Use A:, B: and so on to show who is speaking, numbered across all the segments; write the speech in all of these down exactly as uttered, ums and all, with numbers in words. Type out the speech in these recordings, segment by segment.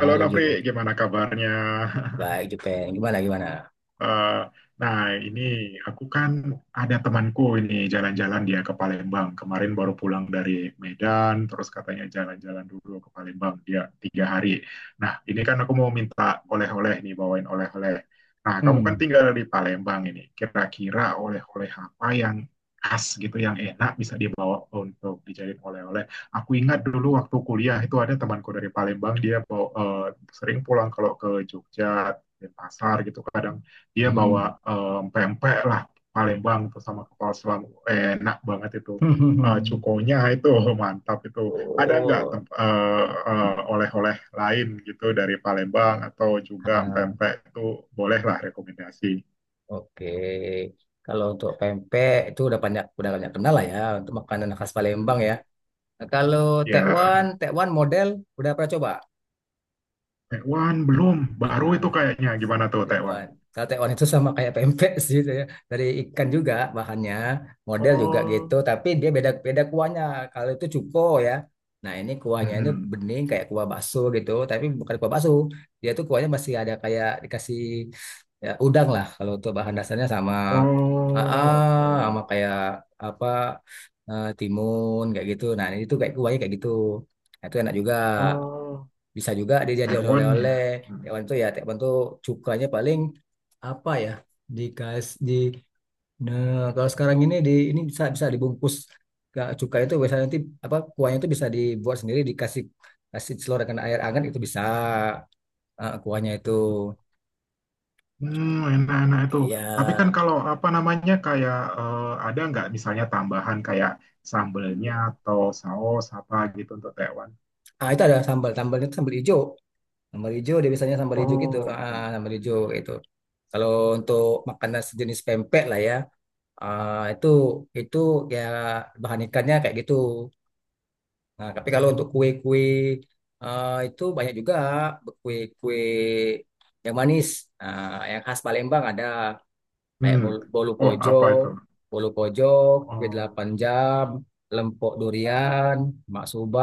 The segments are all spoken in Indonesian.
A: Halo Nofri,
B: Jepang.
A: gimana kabarnya?
B: Baik Jepang. Gimana gimana?
A: Eh, nah, ini aku kan ada temanku ini jalan-jalan dia ke Palembang. Kemarin baru pulang dari Medan, terus katanya jalan-jalan dulu ke Palembang dia tiga hari. Nah, ini kan aku mau minta oleh-oleh nih, bawain oleh-oleh. Nah, kamu kan
B: Hmm.
A: tinggal di Palembang ini. Kira-kira oleh-oleh apa yang khas gitu, yang enak bisa dibawa untuk dijadiin oleh-oleh. Aku ingat dulu waktu kuliah itu ada temanku dari Palembang, dia bawa, eh, sering pulang kalau ke Jogja Denpasar gitu kadang dia
B: Hmm.
A: bawa em, pempek lah Palembang itu sama kepala selam, eh, enak banget itu. Eh, cukonya itu mantap itu. Ada nggak
B: Oh,
A: temp- eh, eh, oleh-oleh lain gitu dari Palembang atau juga
B: ah,
A: pempek itu, bolehlah rekomendasi.
B: oke. Kalau untuk pempek itu udah banyak udah banyak kenal lah ya untuk makanan khas Palembang ya.
A: Hmm.
B: Nah, kalau tekwan,
A: Ya.
B: tekwan model udah pernah coba?
A: Taiwan belum, baru itu
B: Ah,
A: kayaknya gimana tuh Taiwan.
B: Tewan. Kalau tewan itu sama kayak pempek sih saya. Dari ikan juga bahannya, model juga gitu,
A: Oh.
B: tapi dia beda beda kuahnya. Kalau itu cuko ya. Nah, ini kuahnya ini
A: Mm-mm.
B: bening kayak kuah bakso gitu, tapi bukan kuah bakso. Dia tuh kuahnya masih ada kayak dikasih ya, udang lah kalau untuk bahan dasarnya sama ah, ah,
A: Oh, oke.
B: sama kayak apa eh, timun kayak gitu. Nah, ini tuh kayak kuahnya kayak gitu. Nah, itu enak juga.
A: Oh.
B: Bisa juga dijadiin
A: Taiwan ya.
B: oleh-oleh.
A: Mm.
B: Tekwan tuh ya, tekwan tuh cukanya paling apa ya? Dikas di nah, kalau sekarang ini di ini bisa bisa dibungkus. Ke- Cuka itu biasanya nanti apa kuahnya itu bisa dibuat sendiri dikasih kasih selorkan air hangat itu bisa eh, kuahnya itu.
A: Hmm, enak-enak itu. Tapi kan
B: Ya,
A: kalau apa namanya kayak eh, ada nggak misalnya tambahan kayak sambelnya atau saus apa gitu untuk tekwan?
B: ah itu ada sambal, sambalnya itu sambal hijau. Sambal hijau dia biasanya sambal hijau gitu.
A: Oh,
B: Ah,
A: oke.
B: sambal hijau itu. Kalau untuk makanan sejenis pempek lah ya. Ah, itu itu ya bahan ikannya kayak gitu. Nah, tapi kalau untuk kue-kue ah, itu banyak juga kue-kue yang manis. Ah, yang khas Palembang ada kayak
A: Hmm.
B: bolu, bolu
A: Oh,
B: kojo,
A: apa itu?
B: bolu kojo, kue
A: Oh.
B: delapan jam, lempok durian, maksuba,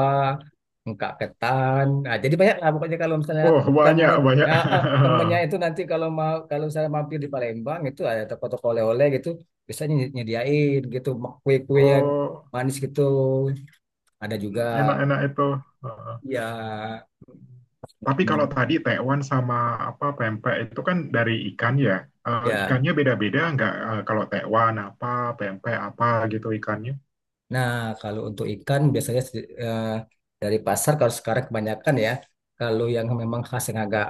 B: engkak ketan. Nah, jadi banyak lah pokoknya kalau misalnya
A: Oh, banyak
B: temen
A: banyak.
B: ya, eh, temennya itu nanti kalau mau kalau saya mampir di Palembang itu ada toko-toko oleh-oleh gitu biasanya ny- nyediain gitu kue-kue yang
A: Oh,
B: manis gitu ada juga
A: enak-enak itu. Heeh.
B: ya
A: Tapi kalau
B: hmm,
A: tadi tekwan sama apa pempek itu kan dari ikan ya. Eh,
B: ya.
A: ikannya beda-beda nggak? Eh, kalau tekwan apa, pempek apa gitu ikannya?
B: Nah, kalau untuk ikan biasanya sedi- eh, dari pasar kalau sekarang kebanyakan ya, kalau yang memang khas yang agak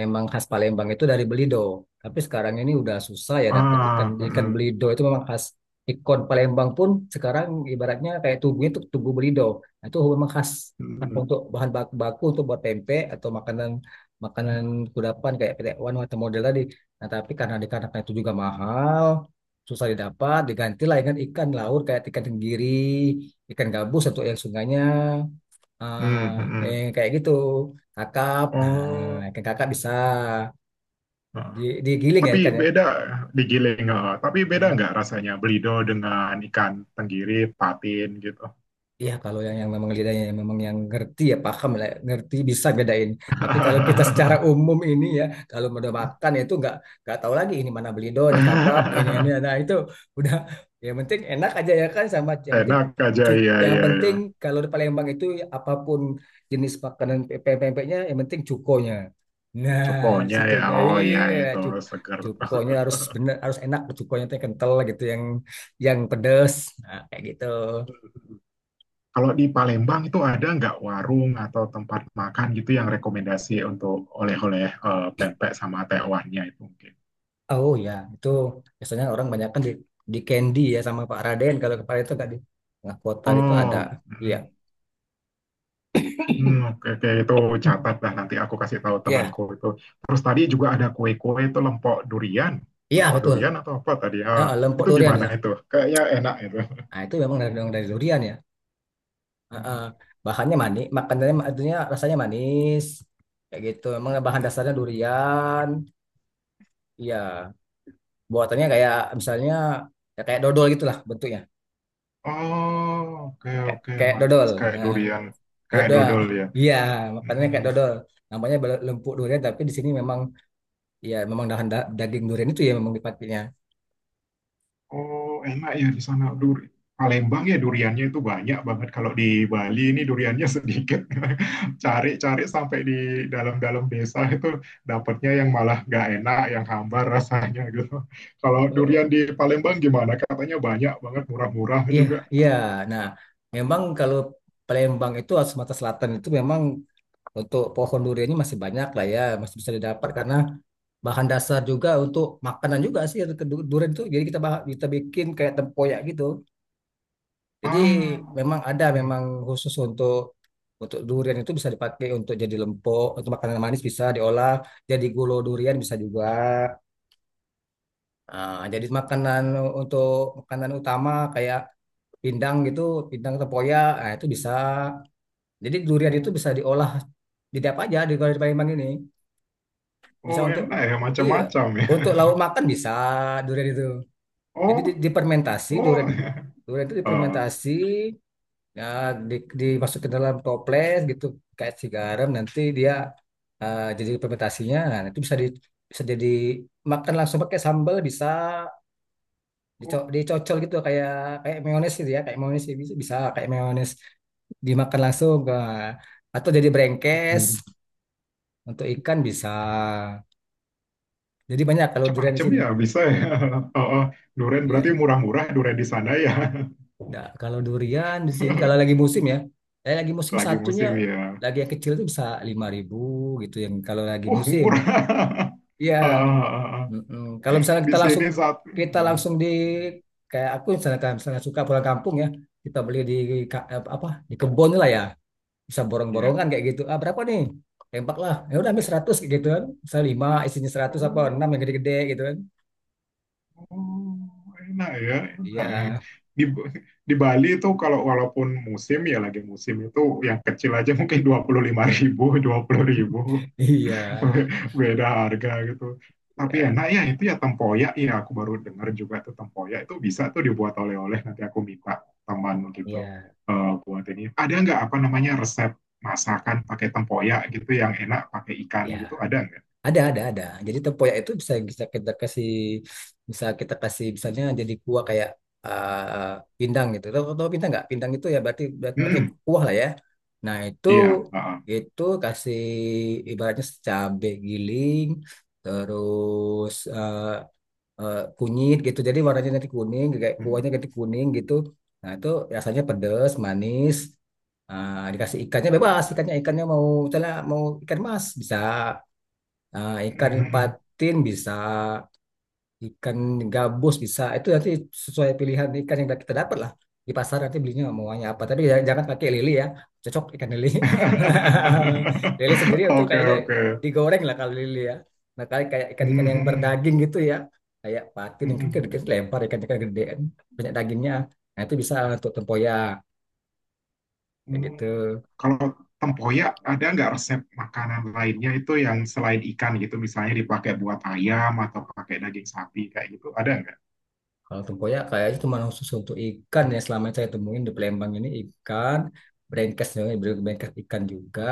B: memang khas Palembang itu dari Belido. Tapi sekarang ini udah susah ya dapat ikan
A: Ah,
B: ikan
A: hmm.
B: Belido itu memang khas ikon Palembang pun sekarang ibaratnya kayak tubuhnya itu tubuh Belido. Nah, itu memang khas
A: Hmm.
B: untuk bahan baku, baku untuk buat tempe atau makanan makanan kudapan kayak pete wan atau model tadi. Nah, tapi karena dikarenakan itu juga mahal, susah didapat digantilah dengan ikan laut kayak ikan tenggiri, ikan gabus atau yang sungainya ah
A: Hmm, hmm, hmm.
B: yang kayak gitu, kakap. Nah,
A: Oh,
B: ikan kakap bisa
A: ah.
B: di digiling ya
A: Tapi
B: ikannya.
A: beda digiling. Ah. Tapi beda nggak rasanya belido dengan ikan tenggiri, patin gitu?
B: Iya, kalau yang yang memang lidahnya yang memang yang ngerti ya paham lah, ya, ngerti bisa bedain. Tapi kalau kita secara umum ini ya, kalau udah makan itu nggak nggak tahu lagi ini mana belido, ini kakap, ini ini, nah itu udah, yang penting enak aja ya kan, sama yang penting
A: Enak aja
B: cu-
A: ya
B: yang
A: ya ya.
B: penting kalau di Palembang itu apapun jenis makanan pe- pempeknya yang penting cukonya. Nah, di
A: Cokonya ya,
B: situnya
A: oh ya
B: iya,
A: itu
B: cuk
A: seger.
B: cukonya harus bener, harus enak cukonya tuh yang kental gitu, yang yang pedes. Nah, kayak gitu.
A: Kalau di Palembang itu ada nggak warung atau tempat makan gitu yang rekomendasi untuk oleh-oleh, eh, pempek sama tewannya itu mungkin?
B: Oh ya, itu biasanya orang banyak kan di, di Candy ya sama Pak Raden kalau kepala itu nggak di tengah kota itu ada.
A: Oh,
B: Iya.
A: hmm. Hmm, oke, oke, itu
B: Hmm.
A: catat lah nanti aku kasih tahu
B: Iya,
A: temanku itu. Terus tadi juga ada kue-kue itu lempok durian,
B: iya
A: lempok
B: betul.
A: durian atau apa tadi?
B: Ya,
A: Ah,
B: lempok
A: itu
B: durian,
A: gimana
B: ya.
A: itu? Kayaknya enak itu.
B: Nah, itu memang dari, dari durian ya. Ah, ah.
A: Hmm.
B: Bahannya manis, makanannya maksudnya rasanya manis. Kayak gitu. Memang bahan dasarnya durian. Iya, buatannya kayak misalnya ya kayak dodol gitulah bentuknya.
A: Oh, oke,
B: Kayak
A: oke,
B: kayak dodol.
A: manis kayak
B: Nah,
A: durian, kayak
B: dodol.
A: dodol ya.
B: Iya, makanannya
A: Hmm.
B: kayak dodol. Namanya bel- lempuk durian tapi di sini memang, iya, memang dahan da- daging durian itu ya memang dipakainya.
A: Oh, enak ya di sana. Duri. Palembang ya duriannya itu banyak banget. Kalau di Bali ini duriannya sedikit. Cari-cari sampai di dalam-dalam desa itu dapatnya yang malah nggak enak, yang hambar rasanya gitu. Kalau durian
B: Oh,
A: di Palembang gimana? Katanya banyak banget, murah-murah
B: iya,
A: juga.
B: iya. Nah, memang kalau Palembang itu atau Sumatera Selatan itu memang untuk pohon duriannya masih banyak lah ya, masih bisa didapat karena bahan dasar juga untuk makanan juga sih untuk du- durian itu. Jadi kita bah- kita bikin kayak tempoyak gitu. Jadi
A: Ah.
B: memang ada
A: Hmm.
B: memang khusus untuk untuk durian itu bisa dipakai untuk jadi lempok, untuk makanan manis bisa diolah, jadi gulo durian bisa juga. Ah, jadi makanan untuk makanan utama kayak pindang gitu, pindang tempoyak, nah itu bisa. Jadi durian
A: Hmm.
B: itu bisa diolah jadi apa aja di kalau di Palembang ini. Bisa
A: Oh,
B: untuk,
A: enak ya,
B: iya,
A: macam-macam ya.
B: untuk lauk makan bisa durian itu. Jadi
A: Oh,
B: di- dipermentasi
A: oh.
B: durian durian itu
A: Ah.
B: dipermentasi ya, di, dimasukin dalam toples gitu kayak si garam nanti dia, eh, jadi fermentasinya nah itu bisa di bisa jadi makan langsung pakai sambal, bisa dico
A: Oh.
B: dicocol gitu kayak kayak mayones gitu, ya kayak mayones ya, bisa, bisa kayak mayones, dimakan langsung, eh, atau jadi brengkes
A: Hmm.
B: untuk ikan bisa. Jadi banyak kalau durian di
A: Macam-macam
B: sini.
A: ya bisa ya. Oh, oh. Durian berarti
B: Iya,
A: murah-murah durian di sana ya.
B: nah, kalau durian di sini kalau lagi musim ya, saya lagi musim
A: Lagi
B: satunya,
A: musim ya.
B: lagi yang kecil itu bisa lima ribu gitu yang kalau lagi
A: Uh,
B: musim.
A: murah.
B: Iya,
A: Ah, ah, ah, ah.
B: mm-mm. Kalau misalnya
A: Di
B: kita
A: sini
B: langsung
A: satu.
B: kita
A: Hmm,
B: langsung di
A: hmm.
B: kayak aku misalnya misalnya suka pulang kampung ya, kita beli di ka- apa di kebun lah ya, bisa
A: Iya.
B: borong-borongan kayak gitu, ah berapa nih, tembak lah ya udah ambil seratus kayak gitu kan, saya lima isinya seratus apa
A: Oh,
B: enam yang gede-gede gitu kan.
A: oh, enak ya, enak ya.
B: Iya.
A: Di, di Bali itu kalau walaupun musim ya lagi musim itu yang kecil aja mungkin dua puluh lima ribu, dua puluh ribu.
B: Iya,
A: Beda harga gitu. Tapi
B: iya,
A: enak ya itu ya tempoyak ya aku baru dengar juga tuh tempoyak itu bisa tuh dibuat oleh-oleh nanti aku minta teman gitu
B: iya,
A: eh, buat ini. Ada nggak apa namanya resep masakan pakai tempoyak gitu yang enak pakai ikan
B: iya,
A: gitu ada nggak?
B: ada ada ada jadi tempoyak itu bisa bisa kita kasih, bisa kita kasih misalnya jadi kuah kayak, eh, pindang gitu. Tahu tahu pindang nggak? Pindang itu ya berarti ber- pakai
A: Hmm,
B: kuah lah ya, nah itu
A: iya. Heeh.
B: itu kasih ibaratnya cabai giling terus, eh, eh, kunyit gitu. Jadi warnanya nanti kuning, kayak
A: Hmm,
B: kuahnya ganti kuning gitu. Nah itu rasanya pedas, manis. Ah, dikasih ikannya bebas, ikannya ikannya mau misalnya mau ikan mas bisa, Ah, ikan
A: hmm, hmm.
B: patin bisa, ikan gabus bisa itu nanti sesuai pilihan ikan yang kita dapat lah di pasar, nanti belinya mauannya apa, tapi jangan jangan pakai lele ya, cocok ikan lele. Lele sendiri itu
A: Oke
B: kayaknya
A: oke.
B: digoreng lah kalau lele ya. Nah kayak kayak ikan-ikan
A: Hmm,
B: yang
A: hmm,
B: berdaging gitu ya, kayak patin
A: hmm.
B: yang
A: Hmm.
B: gede gede, lempar ikan-ikan gede kan, banyak dagingnya, nah itu bisa untuk tempoyak kayak
A: Hmm.
B: gitu.
A: Kalau tempoyak ada nggak resep makanan lainnya itu yang selain ikan gitu, misalnya dipakai buat ayam atau pakai daging sapi kayak gitu, ada nggak?
B: Kalau tempoyak kayaknya cuma khusus untuk ikan ya, selama yang saya temuin di Palembang ini ikan brengkes brengkes ikan juga,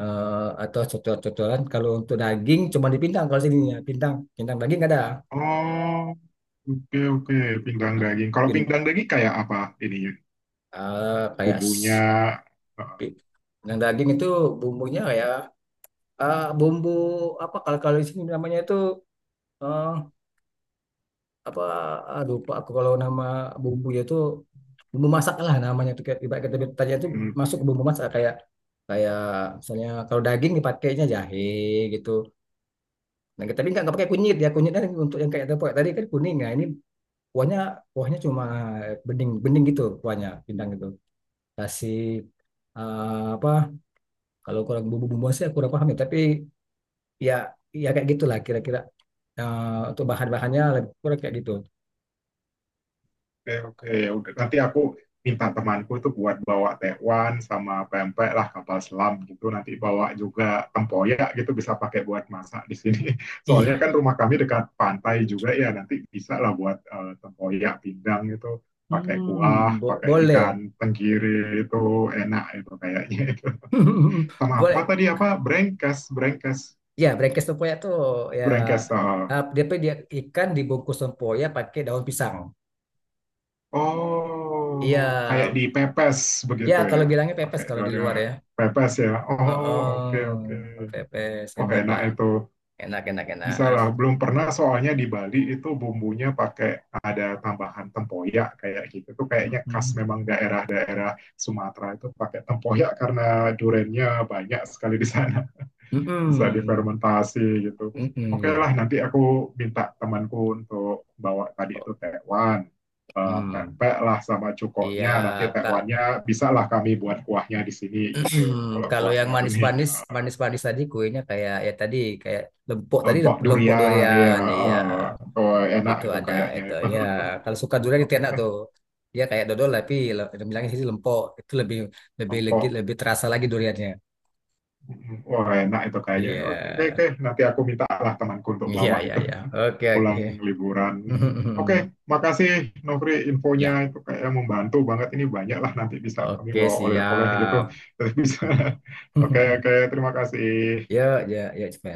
B: eh, atau cocor-cocoran. Kalau untuk daging cuma di Pintang kalau sini ya, Pintang Pintang daging ada.
A: Oh, oke oke, pinggang
B: Nah,
A: daging. Kalau pinggang
B: pin,
A: daging kayak apa ininya?
B: eh, kayak
A: Bumbunya?
B: s-
A: eh,
B: pi- Pintang daging itu bumbunya kayak, eh, bumbu apa kalau kalau di sini namanya itu, eh, apa, ah, lupa aku kalau nama bumbunya itu, bumbu masak lah namanya tuh, kayak ibarat kita tanya itu
A: hmm,
B: masuk ke
A: hmm.
B: bumbu masak kayak kayak misalnya kalau daging dipakainya jahe gitu, nah kita tapi nggak nggak pakai kunyit ya, kunyitnya untuk yang kayak tepung tadi kan kuning, nah ini kuahnya kuahnya cuma bening bening gitu kuahnya pindang gitu, kasih, eh, apa, kalau kurang bumbu-bumbu sih aku kurang paham ya, tapi ya ya kayak gitulah kira-kira. Eh, untuk bahan-bahannya lebih kurang kayak gitu.
A: Oke oke, ya udah nanti aku minta temanku itu buat bawa tekwan sama pempek lah kapal selam gitu nanti bawa juga tempoyak gitu bisa pakai buat masak di sini soalnya kan
B: Iya,
A: rumah kami dekat pantai juga ya nanti bisa lah buat eh, tempoyak pindang gitu pakai
B: hmm,
A: kuah
B: bo-
A: pakai
B: boleh.
A: ikan tenggiri itu enak itu kayaknya itu sama apa
B: Boleh,
A: tadi apa brengkes brengkes
B: ya brengkes tempoyak tuh ya,
A: brengkes eh,
B: eh, dia dia ikan dibungkus tempoyak pakai daun pisang.
A: Oh,
B: Iya,
A: kayak di pepes
B: ya
A: begitu ya.
B: kalau bilangnya pepes
A: Pakai
B: kalau di
A: daunnya
B: luar ya.
A: pepes ya. Oh, oke
B: Oh,
A: oke.
B: pepes
A: Oke,
B: enak
A: enak
B: lah,
A: itu.
B: enak enak enak.
A: Bisa lah. Belum pernah soalnya di Bali itu bumbunya pakai ada tambahan tempoyak kayak gitu. Itu kayaknya khas
B: Mm-mm.
A: memang daerah-daerah Sumatera itu pakai tempoyak karena durennya banyak sekali di sana bisa
B: Mm-mm.
A: difermentasi gitu.
B: Mm-mm,
A: Oke lah,
B: ya.
A: nanti aku minta temanku untuk bawa tadi itu tekwan, eh,
B: Mm.
A: pepek lah sama
B: Iya,
A: cukoknya, nanti
B: kal-
A: tekwannya bisa lah kami buat kuahnya di sini gitu. Kalau
B: kalau yang
A: kuahnya bening,
B: manis-manis,
A: eh,
B: manis-manis tadi kuenya kayak ya tadi kayak lempok tadi,
A: untuk
B: lem- lempok
A: durian ya,
B: durian, iya,
A: eh, oh, enak
B: itu
A: itu
B: ada
A: kayaknya
B: itu.
A: itu.
B: Ya, kalau suka durian itu
A: Oke
B: enak
A: lah,
B: tuh. Ya kayak dodol tapi le- bilangnya sih lempok itu lebih lebih legit,
A: empok.
B: lebih terasa lagi duriannya.
A: Wah enak itu kayaknya.
B: Iya,
A: Oke, oke, nanti aku minta lah temanku untuk
B: iya,
A: bawa
B: iya,
A: itu.
B: iya. Oke, oke.
A: Pulang liburan. Mm. Oke, makasih Nofri infonya
B: Ya,
A: itu kayak membantu banget ini banyak lah nanti bisa kami
B: oke
A: bawa oleh-oleh gitu.
B: siap.
A: Terus bisa. Oke, oke, terima kasih.
B: Ya, ya, ya,